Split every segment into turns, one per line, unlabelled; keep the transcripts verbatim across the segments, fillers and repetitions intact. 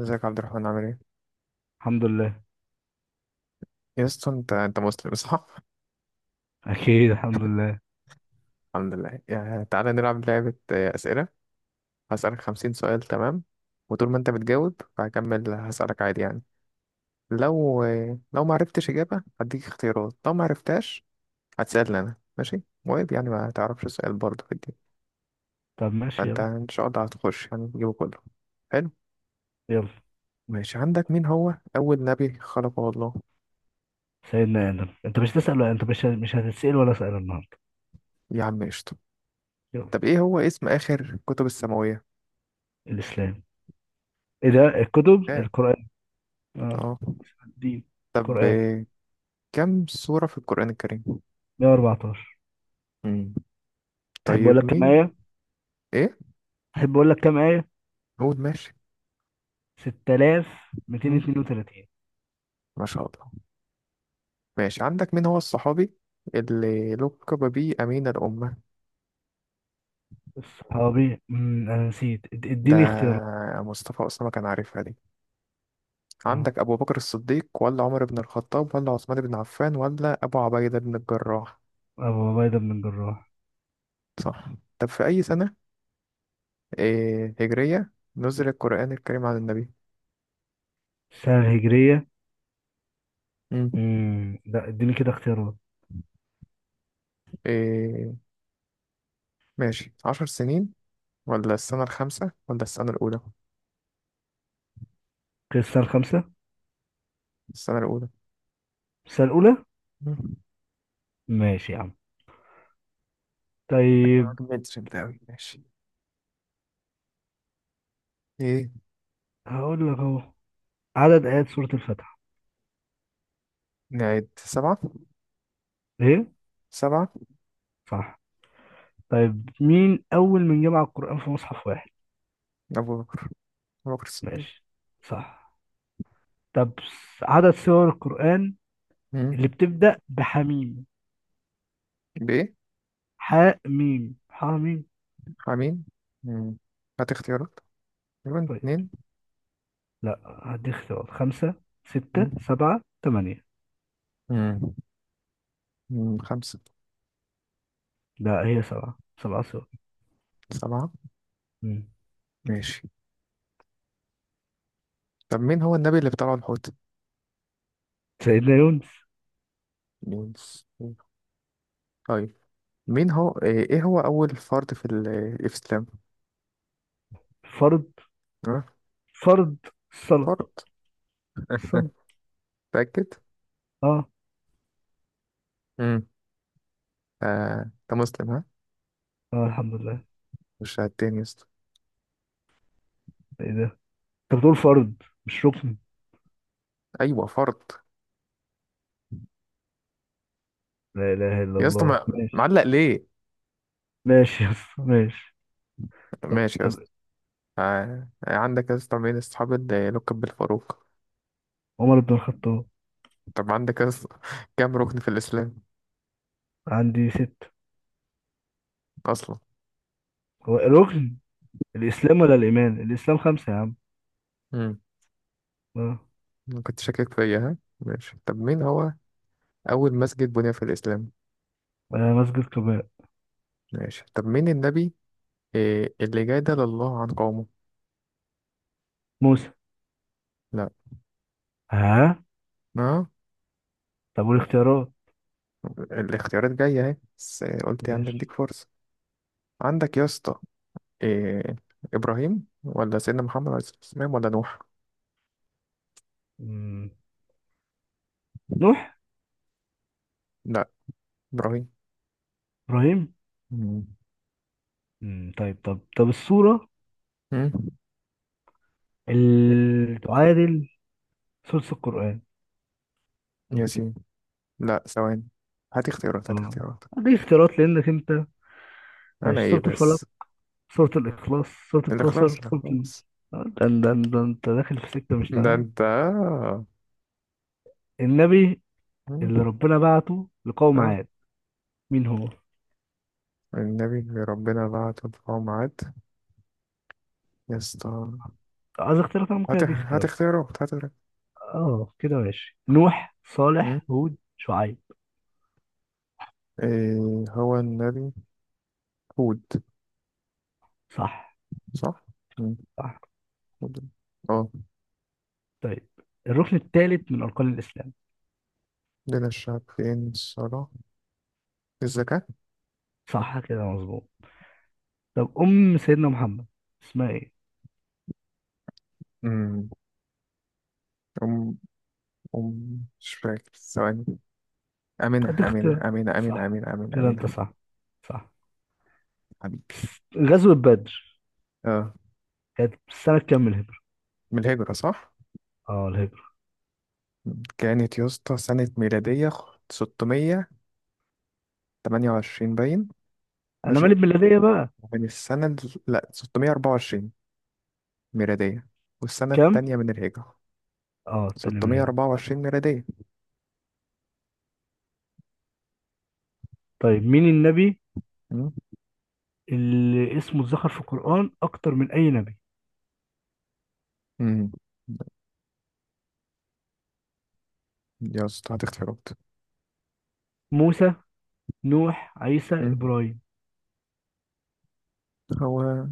ازيك يا عبد الرحمن، عامل ايه؟
الحمد لله.
يا اسطى انت انت مسلم صح؟
اكيد الحمد لله.
الحمد لله. يعني تعالى نلعب لعبة آه، أسئلة. هسألك خمسين سؤال، تمام؟ وطول ما انت بتجاوب فهكمل هسألك عادي يعني. لو آه، لو ما عرفتش إجابة هديك اختيارات، لو ما عرفتهاش هتسألني أنا، ماشي؟ وعيب يعني ما تعرفش السؤال برضه في الدين.
طب ماشي،
فانت
يلا.
إن شاء الله هتخش يعني تجيبه كله، حلو؟
يلا.
ماشي، عندك مين هو أول نبي خلقه الله؟
سيدنا ادم. انت مش تسأل؟ ولا انت مش مش هتتسأل ولا سأل النهارده؟
يا عم قشطة.
يلا.
طب ايه هو اسم آخر كتب السماوية؟
الاسلام. ايه ده؟ الكتب
اه.
القرآن. اه
اه.
الدين.
طب
القرآن
آه، كم سورة في القرآن الكريم؟
مية وأربعتاشر.
مم.
تحب اقول
طيب
لك كام
مين؟
آية؟
إيه؟
تحب اقول لك كام آية.
قول ماشي. مم.
ستة آلاف ومئتين واثنين وثلاثين.
ما شاء الله. ماشي، عندك مين هو الصحابي اللي لقب به أمين الأمة؟
الصحابي أمم، انا نسيت. إد-
ده
اديني اختيارات.
مصطفى أسامة كان عارفها دي.
اه،
عندك أبو بكر الصديق ولا عمر بن الخطاب ولا عثمان بن عفان ولا أبو عبيدة بن الجراح؟
ابو عبيدة بن الجراح.
صح. طب في أي سنة إيه هجرية نزل القرآن الكريم على النبي؟
السنة الهجرية.
مم.
امم لا، اديني كده اختيارات.
إيه، ماشي، عشر سنين ولا السنة الخامسة ولا السنة الأولى؟
السنة الخامسة.
السنة الأولى.
السنة الأولى. ماشي يا عم. طيب
متر ده أوي، ماشي. إيه
هقول لك اهو: عدد آيات سورة الفاتحة؟
نعد؟ سبعة.
ايه؟
سبعة.
صح. طيب، مين أول من جمع القرآن في مصحف واحد؟
أبو بكر، أبو بكر الصديق.
ماشي، صح. طب س- عدد سور القرآن
مم.
اللي بتبدأ بحميم،
بيه.
حاء ميم حاء ميم.
حميم. مم. هات اختيارات. تقريبا
طيب
اتنين.
لا، هدي اختيارات: خمسة، ستة،
مم.
سبعة، ثمانية.
مم. مم. خمسة.
لا، هي سبعة. سبعة سور.
سبعة.
مم.
ماشي. طب مين هو النبي اللي بطلعه الحوت؟
سيدنا يونس.
يونس. طيب مين هو إيه إيه هو أول فرد في ال- الإسلام؟
فرض.
أه؟
فرض. الصلاة.
فرد.
الصلاة.
متأكد؟
اه.
مم. آه، أنت مسلم، ها؟
اه الحمد لله.
مش هتاني يا اسطى.
ايه ده؟ انت بتقول فرض مش ركن.
أيوه، فرد.
لا إله إلا
يا اسطى
الله.
ما- معلق ليه؟
ماشي يس، ماشي. طب
ماشي يا
طب
اسطى. آه، عندك يا اسطى مين اصحاب اللي يلقب بالفاروق؟
عمر بن الخطاب.
طب عندك يا اسطى كام ركن في الاسلام
عندي ست.
اصلا؟
هو الركن الإسلام ولا الإيمان؟ الإسلام خمسة يا عم.
امم.
اه.
كنت شاكك فيا، ها؟ ماشي. طب مين هو اول مسجد بني في الاسلام؟
آه، مسجد قباء.
ماشي. طب مين النبي إيه اللي جادل الله عن قومه؟
موسى.
لا.
ها؟
اه.
طب والاختيارات؟
الاختيارات جايه اهي، بس قلت يعني
ماشي.
اديك فرصه. عندك يا اسطى إيه ابراهيم ولا سيدنا محمد عليه الصلاه والسلام ولا نوح؟
مم. نوح.
لا، ابراهيم.
إبراهيم. مم. طيب، طب طب السورة
امم.
اللي تعادل سورة القرآن.
ياسين. لا، ثواني، هات اختيارات، هات
اه
اختيارات.
دي اختيارات لأنك أنت.
انا
ماشي:
ايه
سورة الفلق،
بس؟
سورة الإخلاص، سورة
الاخلاص،
الكوثر، سورة ال...
الاخلاص.
آه، ده ده ده أنت داخل في سكة مش
ده
تمام.
انت آه.
النبي
مم.
اللي ربنا بعته لقوم
آه.
عاد، مين هو؟
النبي اللي ربنا بعت القوم عاد، يا اسطى.
عايز اختيارات. انا ممكن
هات،
ادي
هات
اختيارات.
اختيارات، هات اختيارات.
اه كده ماشي: نوح،
مم.
صالح، هود، شعيب.
إيه هو النبي؟ هود.
صح.
صح؟ مم.
صح.
هود. اه.
طيب، الركن الثالث من اركان الاسلام.
دين الشعب، فين الصلاة؟ الزكاة.
صح كده، مظبوط. طب ام سيدنا محمد اسمها ايه؟
أم أم أم مش فاكر، ثواني. أمينة،
ادي
أمينة،
اختيارات.
أمينة، أمينة،
صح.
أمينة، أمينة،
كده
أمينة.
انت صح. صح.
حبيبي.
غزوة بدر
اه.
كانت سنة كام من الهجرة؟
من الهجرة صح؟
اه، الهجرة.
كانت يا اسطى سنة ميلادية ستمية وتمانية وعشرين. باين.
انا
ماشي.
مالي بميلادية بقى.
من السنة ال- لا ستمية واربعة وعشرين ميلادية. والسنة
كام؟
التانية من الهجرة
اه، التانية من الهجرة.
ستمية واربعة وعشرين ميلادية.
طيب مين النبي
مم.
اللي اسمه اتذكر في القرآن أكتر من أي نبي؟
مم. يا اسطى هتختفي.
موسى، نوح، عيسى، إبراهيم.
هو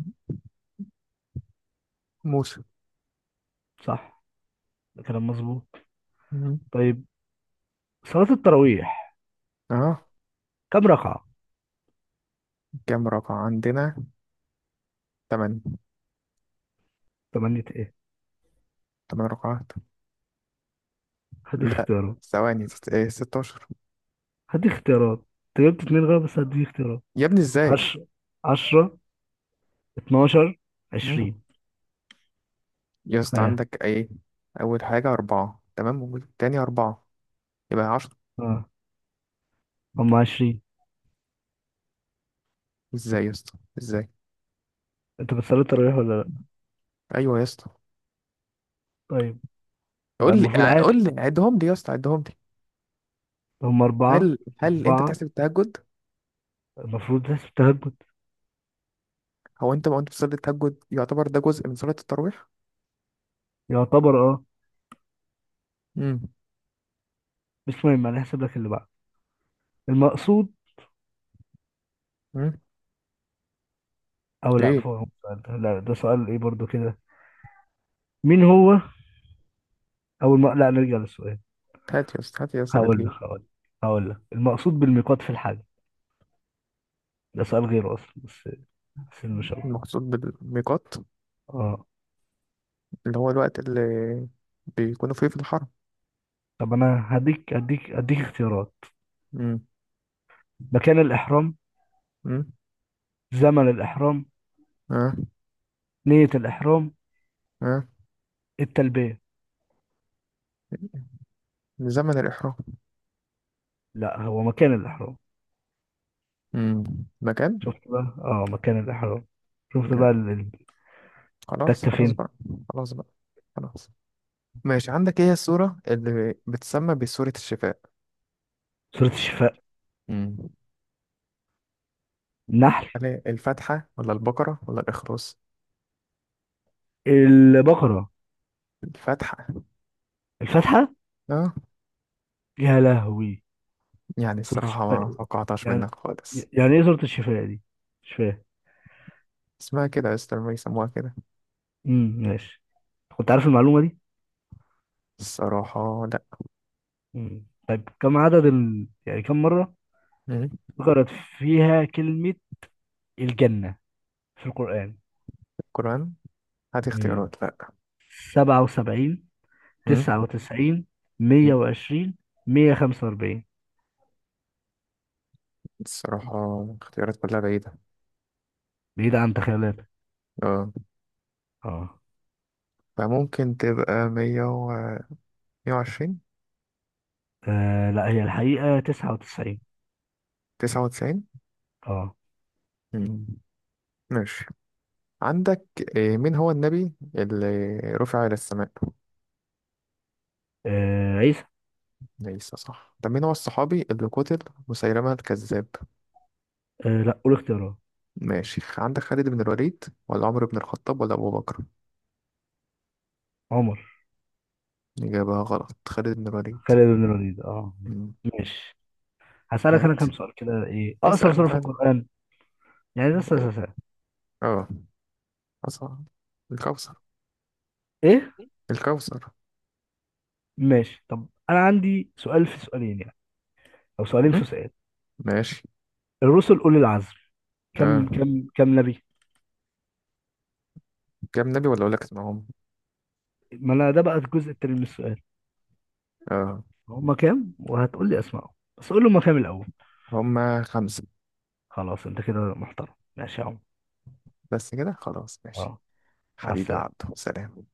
موسى.
صح. ده كلام مظبوط.
مم.
طيب، صلاة التراويح
اه.
كم ركعة؟
كام رقعة عندنا؟ تمن
تمانية؟ ايه؟
تمن رقعات.
هدي
لا،
اختيارات.
ثواني، ست- ايه، ستاشر.
هدي اختيارات. انت جبت اتنين غلط، بس هدي اختيارات:
يا ابني ازاي؟
عشرة، عشرة، اتناشر،
مم.
عشرين.
يا اسطى
ها.
عندك ايه؟ أول حاجة أربعة، تمام، والتاني أربعة، يبقى.
ها. هم عشرين.
ازاي يا اسطى ازاي؟
انت بتصلي التراويح ولا لا؟
ايوه يا اسطى.
طيب. يبقى
قول لي
المفروض
ع-
عارف.
قول لي عدهم لي يا اسطى، عدهم لي.
هم أربعة.
هل هل انت
أربعة.
بتحسب التهجد؟
المفروض تحسب تهجد.
هو انت ما انت بتصلي التهجد، يعتبر ده جزء من صلاة التراويح.
يعتبر اه.
امم.
بس المهم انا هحسب لك اللي بعد المقصود.
امم.
او لا،
ايه.
فوق السؤال ده، لا ده سؤال ايه برضو كده. مين هو أول، ما لا نرجع للسؤال.
هات يا اسطى، هات يا اسطى اللي
هقول لك
تجيب.
هقول لك هقول لك المقصود بالميقات في الحج. ده سؤال غير أصلا. بس بس إن شاء الله.
المقصود بالميقات
أه،
اللي هو الوقت اللي بيكونوا فيه في الحرم.
طب أنا هديك أديك أديك اختيارات:
امم.
مكان الإحرام،
امم.
زمن الإحرام،
اه.
نية الإحرام،
اه.
التلبية.
من زمن الإحرام.
لا، هو مكان الإحرام.
امم. مكان.
شفت بقى؟ أه، مكان الإحرام. شفت
آه.
بقى ال- ال-
خلاص
التكة
خلاص
فين.
بقى. خلاص بقى. خلاص. ماشي، عندك ايه هي السورة اللي بتسمى بسورة الشفاء؟
سورة الشفاء.
مم.
النحل.
هل هي الفتحة ولا البقرة ولا الإخروس؟
البقرة.
الفتحة.
الفاتحة.
اه.
يا لهوي.
يعني
سورة
الصراحة ما
الشفاء
توقعتهاش
يعني؟
منك خالص.
يعني إيه سورة الشفاء دي؟ مش فاهم.
اسمها كده يا اسطى لما يسموها كده.
امم ماشي، كنت عارف المعلومة دي.
الصراحة لا.
امم طيب كم عدد ال... يعني كم مرة
مم.
ذكرت فيها كلمة الجنة في القرآن؟
القرآن. هات
امم
اختيارات، لا.
سبعة وسبعين،
مم.
تسعة وتسعين،
مم.
مية وعشرين، مية وخمسة وأربعين؟
الصراحة اختيارات كلها بعيدة.
بعيدة عن تخيلاتك.
اه.
اه.
فممكن تبقى مية و مية وعشرين.
آه، لا، هي الحقيقة تسعة وتسعين.
تسعة وتسعين.
اه.
مم. ماشي. عندك إيه، مين هو النبي اللي رفع إلى السماء؟
آه، عيسى.
ليس صح. طب مين هو الصحابي اللي قتل مسيلمة الكذاب؟
آه، لا، قول اختيارات.
ماشي، عندك خالد بن الوليد ولا عمرو بن الخطاب ولا أبو بكر؟
عمر.
إجابة غلط، خالد بن الوليد.
خالد بن الوليد. اه،
مم.
ماشي. هسألك انا
هات،
كم سؤال كده: ايه اقصر
اسأل
سورة في
بقى.
القرآن؟ يعني لسه لسه- لسه.
اه. أصعب. الكوثر.
ايه؟
الكوثر.
ماشي. طب انا عندي سؤال في سؤالين يعني، او سؤالين في
مم.
سؤال.
ماشي.
الرسل اولي العزم كم
اه.
كم كم نبي؟
كام نبي ولا أقول لك اسمهم؟
ما انا ده بقى الجزء التاني من السؤال.
اه.
هما كام وهتقول لي اسمائهم؟ بس قول لي هما كام الاول.
هما خمسة.
خلاص، انت كده محترم. ماشي يا عم.
بس كده، خلاص، ماشي.
اه. مع
حبيبي يا
السلامه.
عبدو، سلام.